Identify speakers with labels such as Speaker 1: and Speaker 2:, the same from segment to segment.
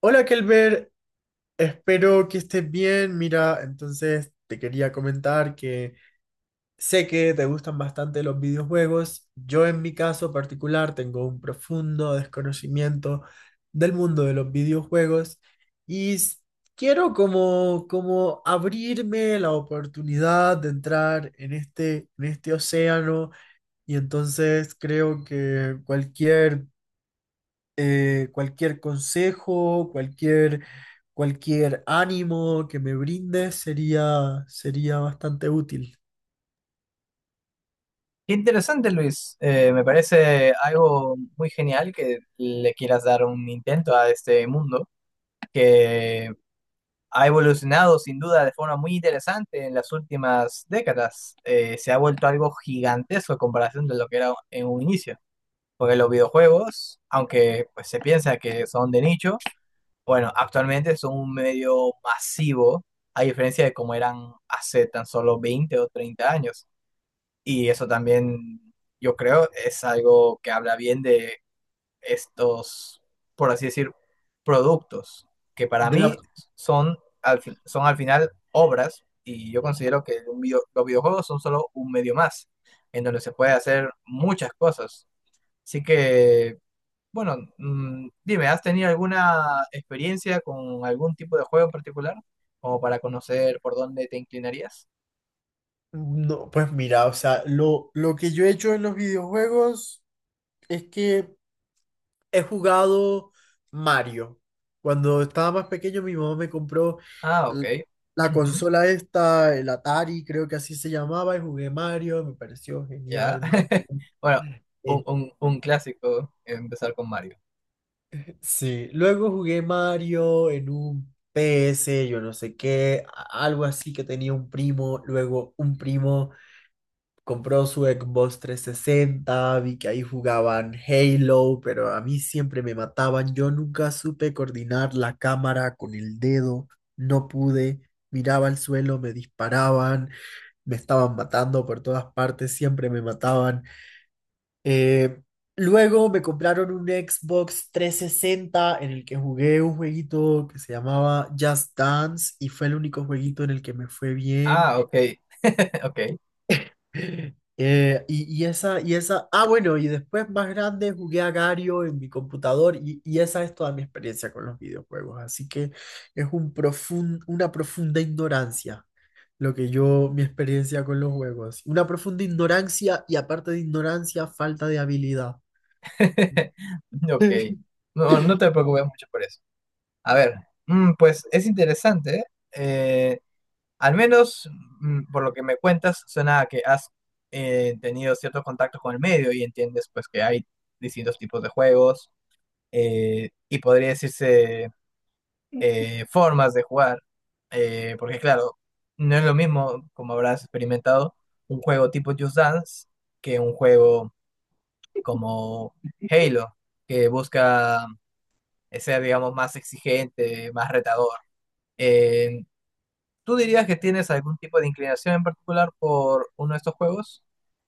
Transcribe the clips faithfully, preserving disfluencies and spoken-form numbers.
Speaker 1: Hola Kelber, espero que estés bien. Mira, entonces te quería comentar que sé que te gustan bastante los videojuegos. Yo en mi caso particular tengo un profundo desconocimiento del mundo de los videojuegos y s- quiero como, como abrirme la oportunidad de entrar en este, en este océano, y entonces creo que cualquier eh, cualquier consejo, cualquier, cualquier ánimo que me brindes sería, sería bastante útil.
Speaker 2: Qué interesante, Luis. Eh, me parece algo muy genial que le quieras dar un intento a este mundo que ha evolucionado sin duda de forma muy interesante en las últimas décadas. Eh, se ha vuelto algo gigantesco en comparación de lo que era en un inicio. Porque los videojuegos, aunque pues, se piensa que son de nicho, bueno, actualmente son un medio masivo, a diferencia de cómo eran hace tan solo veinte o treinta años. Y eso también, yo creo, es algo que habla bien de estos, por así decir, productos, que para
Speaker 1: De la-
Speaker 2: mí son al, fin- son al final obras, y yo considero que un video- los videojuegos son solo un medio más, en donde se puede hacer muchas cosas. Así que, bueno, mm, dime, ¿has tenido alguna experiencia con algún tipo de juego en particular? Como para conocer por dónde te inclinarías.
Speaker 1: no, pues mira, o sea, lo, lo que yo he hecho en los videojuegos es que he jugado Mario. Cuando estaba más pequeño, mi mamá me compró
Speaker 2: Ah, ok.
Speaker 1: l- la consola esta, el Atari, creo que así se llamaba, y jugué Mario, me pareció
Speaker 2: Ya.
Speaker 1: genial, Mario.
Speaker 2: Bueno, un, un, un clásico empezar con Mario.
Speaker 1: Sí, luego jugué Mario en un P S, yo no sé qué, a- algo así que tenía un primo. Luego un primo compró su Xbox trescientos sesenta, vi que ahí jugaban Halo, pero a mí siempre me mataban, yo nunca supe coordinar la cámara con el dedo, no pude, miraba al suelo, me disparaban, me estaban matando por todas partes, siempre me mataban. Eh, Luego me compraron un Xbox trescientos sesenta en el que jugué un jueguito que se llamaba Just Dance, y fue el único jueguito en el que me fue bien.
Speaker 2: Ah, ok. Ok.
Speaker 1: Eh, y, y esa, y esa, ah, bueno, y después más grande jugué a Gario en mi computador, y, y esa es toda mi experiencia con los videojuegos. Así que es un profun- una profunda ignorancia lo que yo, mi experiencia con los juegos. Una profunda ignorancia y, aparte de ignorancia, falta de habilidad.
Speaker 2: Ok. No, no te preocupes mucho por eso. A ver, mm, pues es interesante. ¿Eh? Eh, Al menos, mm, por lo que me cuentas, suena a que has eh, tenido ciertos contactos con el medio y entiendes pues que hay distintos tipos de juegos, eh, y podría decirse eh, formas de jugar, eh, porque claro, no es lo mismo, como habrás experimentado, un juego tipo Just Dance que un juego como Halo, que busca eh, ser, digamos, más exigente, más retador. Eh, ¿Tú dirías que tienes algún tipo de inclinación en particular por uno de estos juegos?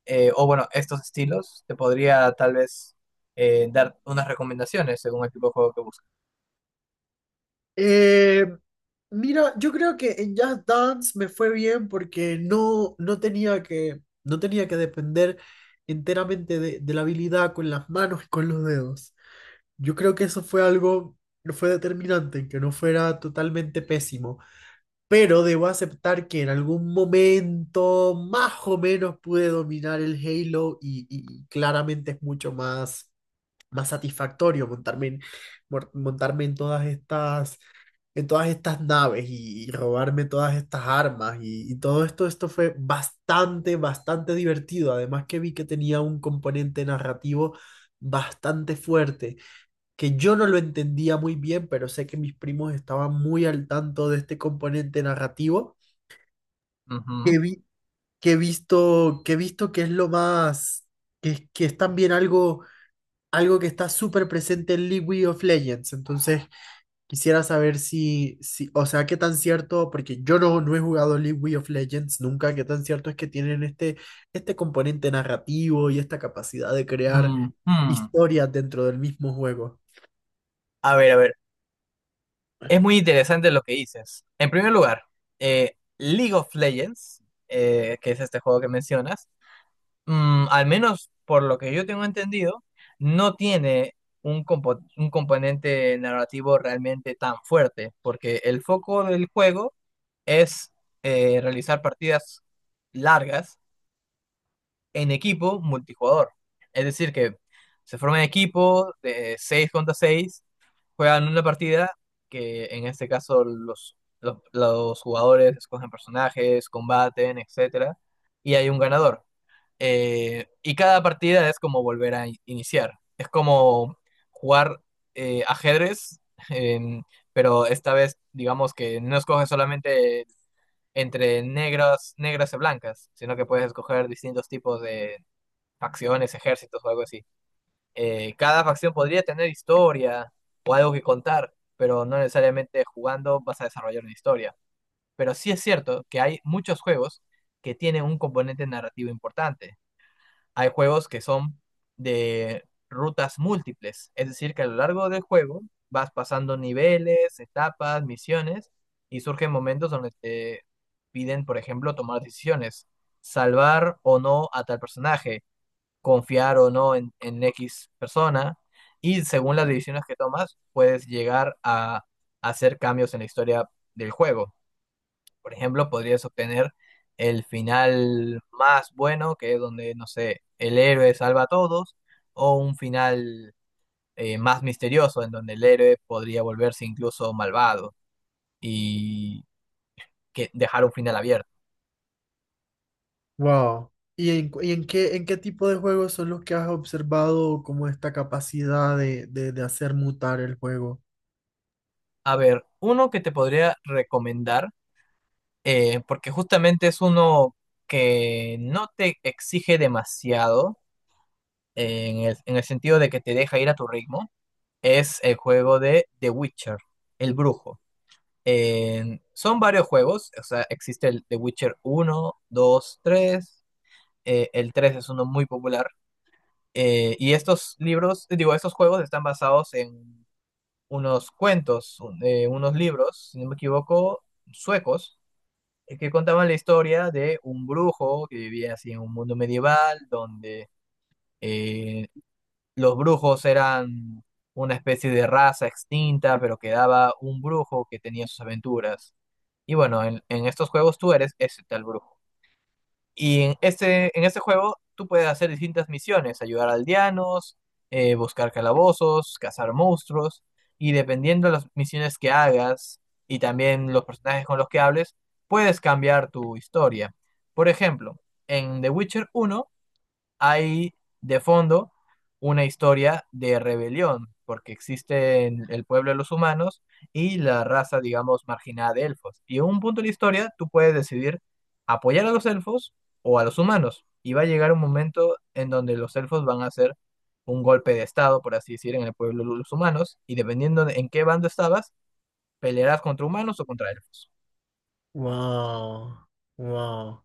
Speaker 2: Eh, o bueno, estos estilos, te podría tal vez eh, dar unas recomendaciones según el tipo de juego que buscas.
Speaker 1: Eh, Mira, yo creo que en Just Dance me fue bien porque no, no tenía que, no tenía que depender enteramente de, de la habilidad con las manos y con los dedos. Yo creo que eso fue algo, fue determinante, que no fuera totalmente pésimo. Pero debo aceptar que en algún momento más o menos pude dominar el Halo, y, y claramente es mucho más, más satisfactorio montarme en- mor- montarme en todas estas en todas estas naves, y, y robarme todas estas armas, y, y todo esto, esto fue bastante, bastante divertido. Además, que vi que tenía un componente narrativo bastante fuerte, que yo no lo entendía muy bien, pero sé que mis primos estaban muy al tanto de este componente narrativo,
Speaker 2: Ujú.
Speaker 1: que vi- que he visto, que he visto que es lo más, que, que es también algo, algo, que está súper presente en League of Legends. Entonces, Quisiera saber si, si, o sea, qué tan cierto, porque yo no, no he jugado League of Legends nunca, qué tan cierto es que tienen este, este componente narrativo y esta capacidad de crear
Speaker 2: Mm, mm.
Speaker 1: historias dentro del mismo juego.
Speaker 2: A ver, a ver. Es muy interesante lo que dices. En primer lugar, eh, League of Legends, eh, que es este juego que mencionas, mm, al menos por lo que yo tengo entendido, no tiene un, compo- un componente narrativo realmente tan fuerte, porque el foco del juego es eh, realizar partidas largas en equipo multijugador. Es decir, que se forman equipos de seis contra seis. Juegan una partida que en este caso los, los, los jugadores escogen personajes, combaten, etcétera, y hay un ganador. Eh, y cada partida es como volver a in- iniciar. Es como jugar eh, ajedrez, em, pero esta vez digamos que no escoges solamente entre negras, negras y blancas, sino que puedes escoger distintos tipos de facciones, ejércitos o algo así. Eh, cada facción podría tener historia o algo que contar, pero no necesariamente jugando vas a desarrollar una historia. Pero sí es cierto que hay muchos juegos que tienen un componente narrativo importante. Hay juegos que son de rutas múltiples, es decir, que a lo largo del juego vas pasando niveles, etapas, misiones, y surgen momentos donde te piden, por ejemplo, tomar decisiones, salvar o no a tal personaje, confiar o no en, en X persona. Y según las decisiones que tomas, puedes llegar a hacer cambios en la historia del juego. Por ejemplo, podrías obtener el final más bueno, que es donde, no sé, el héroe salva a todos, o un final, eh, más misterioso, en donde el héroe podría volverse incluso malvado y que dejar un final abierto.
Speaker 1: Wow. ¿Y en, cu- y en qué, en qué tipo de juegos son los que has observado como esta capacidad de, de, de hacer mutar el juego?
Speaker 2: A ver, uno que te podría recomendar, eh, porque justamente es uno que no te exige demasiado, eh, en el, en el sentido de que te deja ir a tu ritmo, es el juego de The Witcher, El Brujo. Eh, son varios juegos, o sea, existe el The Witcher uno dos tres. Eh, el tres es uno muy popular. Eh, y estos libros, digo, estos juegos están basados en unos cuentos, un- eh, unos libros, si no me equivoco, suecos, eh, que contaban la historia de un brujo que vivía así en un mundo medieval, donde eh, los brujos eran una especie de raza extinta, pero quedaba un brujo que tenía sus aventuras. Y bueno, en, en estos juegos tú eres ese tal brujo. Y en este, en este juego tú puedes hacer distintas misiones, ayudar a aldeanos, eh, buscar calabozos, cazar monstruos, y dependiendo de las misiones que hagas y también los personajes con los que hables, puedes cambiar tu historia. Por ejemplo, en The Witcher uno hay de fondo una historia de rebelión, porque existe en el pueblo de los humanos y la raza, digamos, marginada de elfos. Y en un punto de la historia tú puedes decidir apoyar a los elfos o a los humanos. Y va a llegar un momento en donde los elfos van a hacer un golpe de estado, por así decir, en el pueblo de los humanos, y dependiendo de en qué bando estabas, pelearás contra humanos o contra elfos.
Speaker 1: Wow. Wow.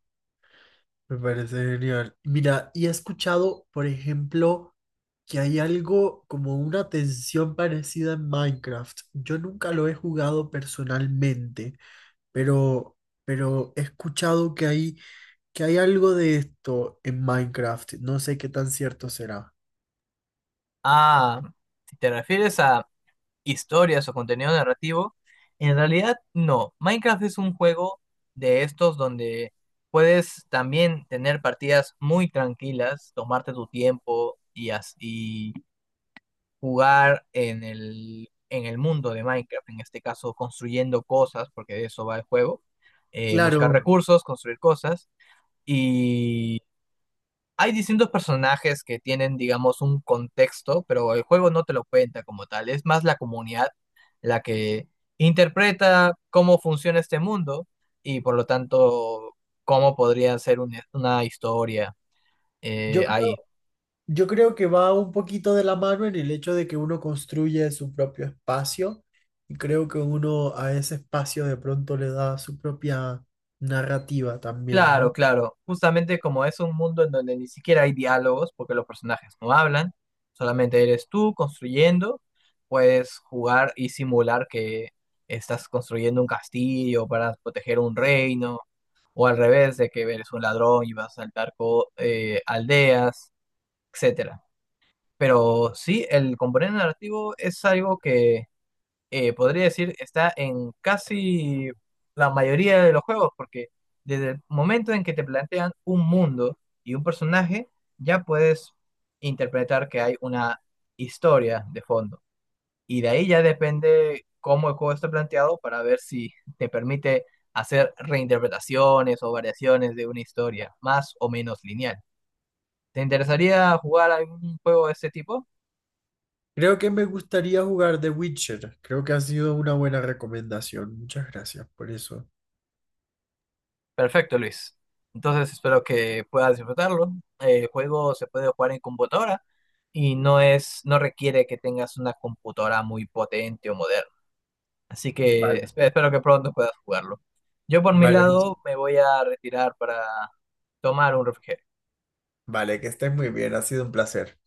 Speaker 1: Me parece genial. Mira, y he escuchado, por ejemplo, que hay algo como una tensión parecida en Minecraft. Yo nunca lo he jugado personalmente, pero, pero, he escuchado que hay, que hay algo de esto en Minecraft. No sé qué tan cierto será.
Speaker 2: Ah, si te refieres a historias o contenido narrativo, en realidad no. Minecraft es un juego de estos donde puedes también tener partidas muy tranquilas, tomarte tu tiempo y, as- y jugar en el, en el mundo de Minecraft, en este caso construyendo cosas, porque de eso va el juego. Eh, buscar
Speaker 1: Claro,
Speaker 2: recursos, construir cosas. Y hay distintos personajes que tienen, digamos, un contexto, pero el juego no te lo cuenta como tal. Es más la comunidad la que interpreta cómo funciona este mundo y por lo tanto cómo podría ser un- una historia,
Speaker 1: yo
Speaker 2: eh, ahí.
Speaker 1: Yo creo que va un poquito de la mano en el hecho de que uno construye su propio espacio, y creo que uno a ese espacio de pronto le da su propia narrativa también,
Speaker 2: Claro,
Speaker 1: ¿no?
Speaker 2: claro. Justamente como es un mundo en donde ni siquiera hay diálogos porque los personajes no hablan, solamente eres tú construyendo, puedes jugar y simular que estás construyendo un castillo para proteger un reino o al revés, de que eres un ladrón y vas a saltar co- eh, aldeas, etcétera. Pero sí, el componente narrativo es algo que, eh, podría decir está en casi la mayoría de los juegos, porque desde el momento en que te plantean un mundo y un personaje, ya puedes interpretar que hay una historia de fondo. Y de ahí ya depende cómo el juego esté planteado para ver si te permite hacer reinterpretaciones o variaciones de una historia, más o menos lineal. ¿Te interesaría jugar algún juego de este tipo?
Speaker 1: Creo que me gustaría jugar The Witcher. Creo que ha sido una buena recomendación. Muchas gracias por eso.
Speaker 2: Perfecto, Luis. Entonces espero que puedas disfrutarlo. El juego se puede jugar en computadora y no es, no requiere que tengas una computadora muy potente o moderna. Así que
Speaker 1: Vale.
Speaker 2: espe- espero que pronto puedas jugarlo. Yo por mi
Speaker 1: Vale,
Speaker 2: lado me voy a retirar para tomar un refrigerio.
Speaker 1: vale, que estés muy bien. Ha sido un placer.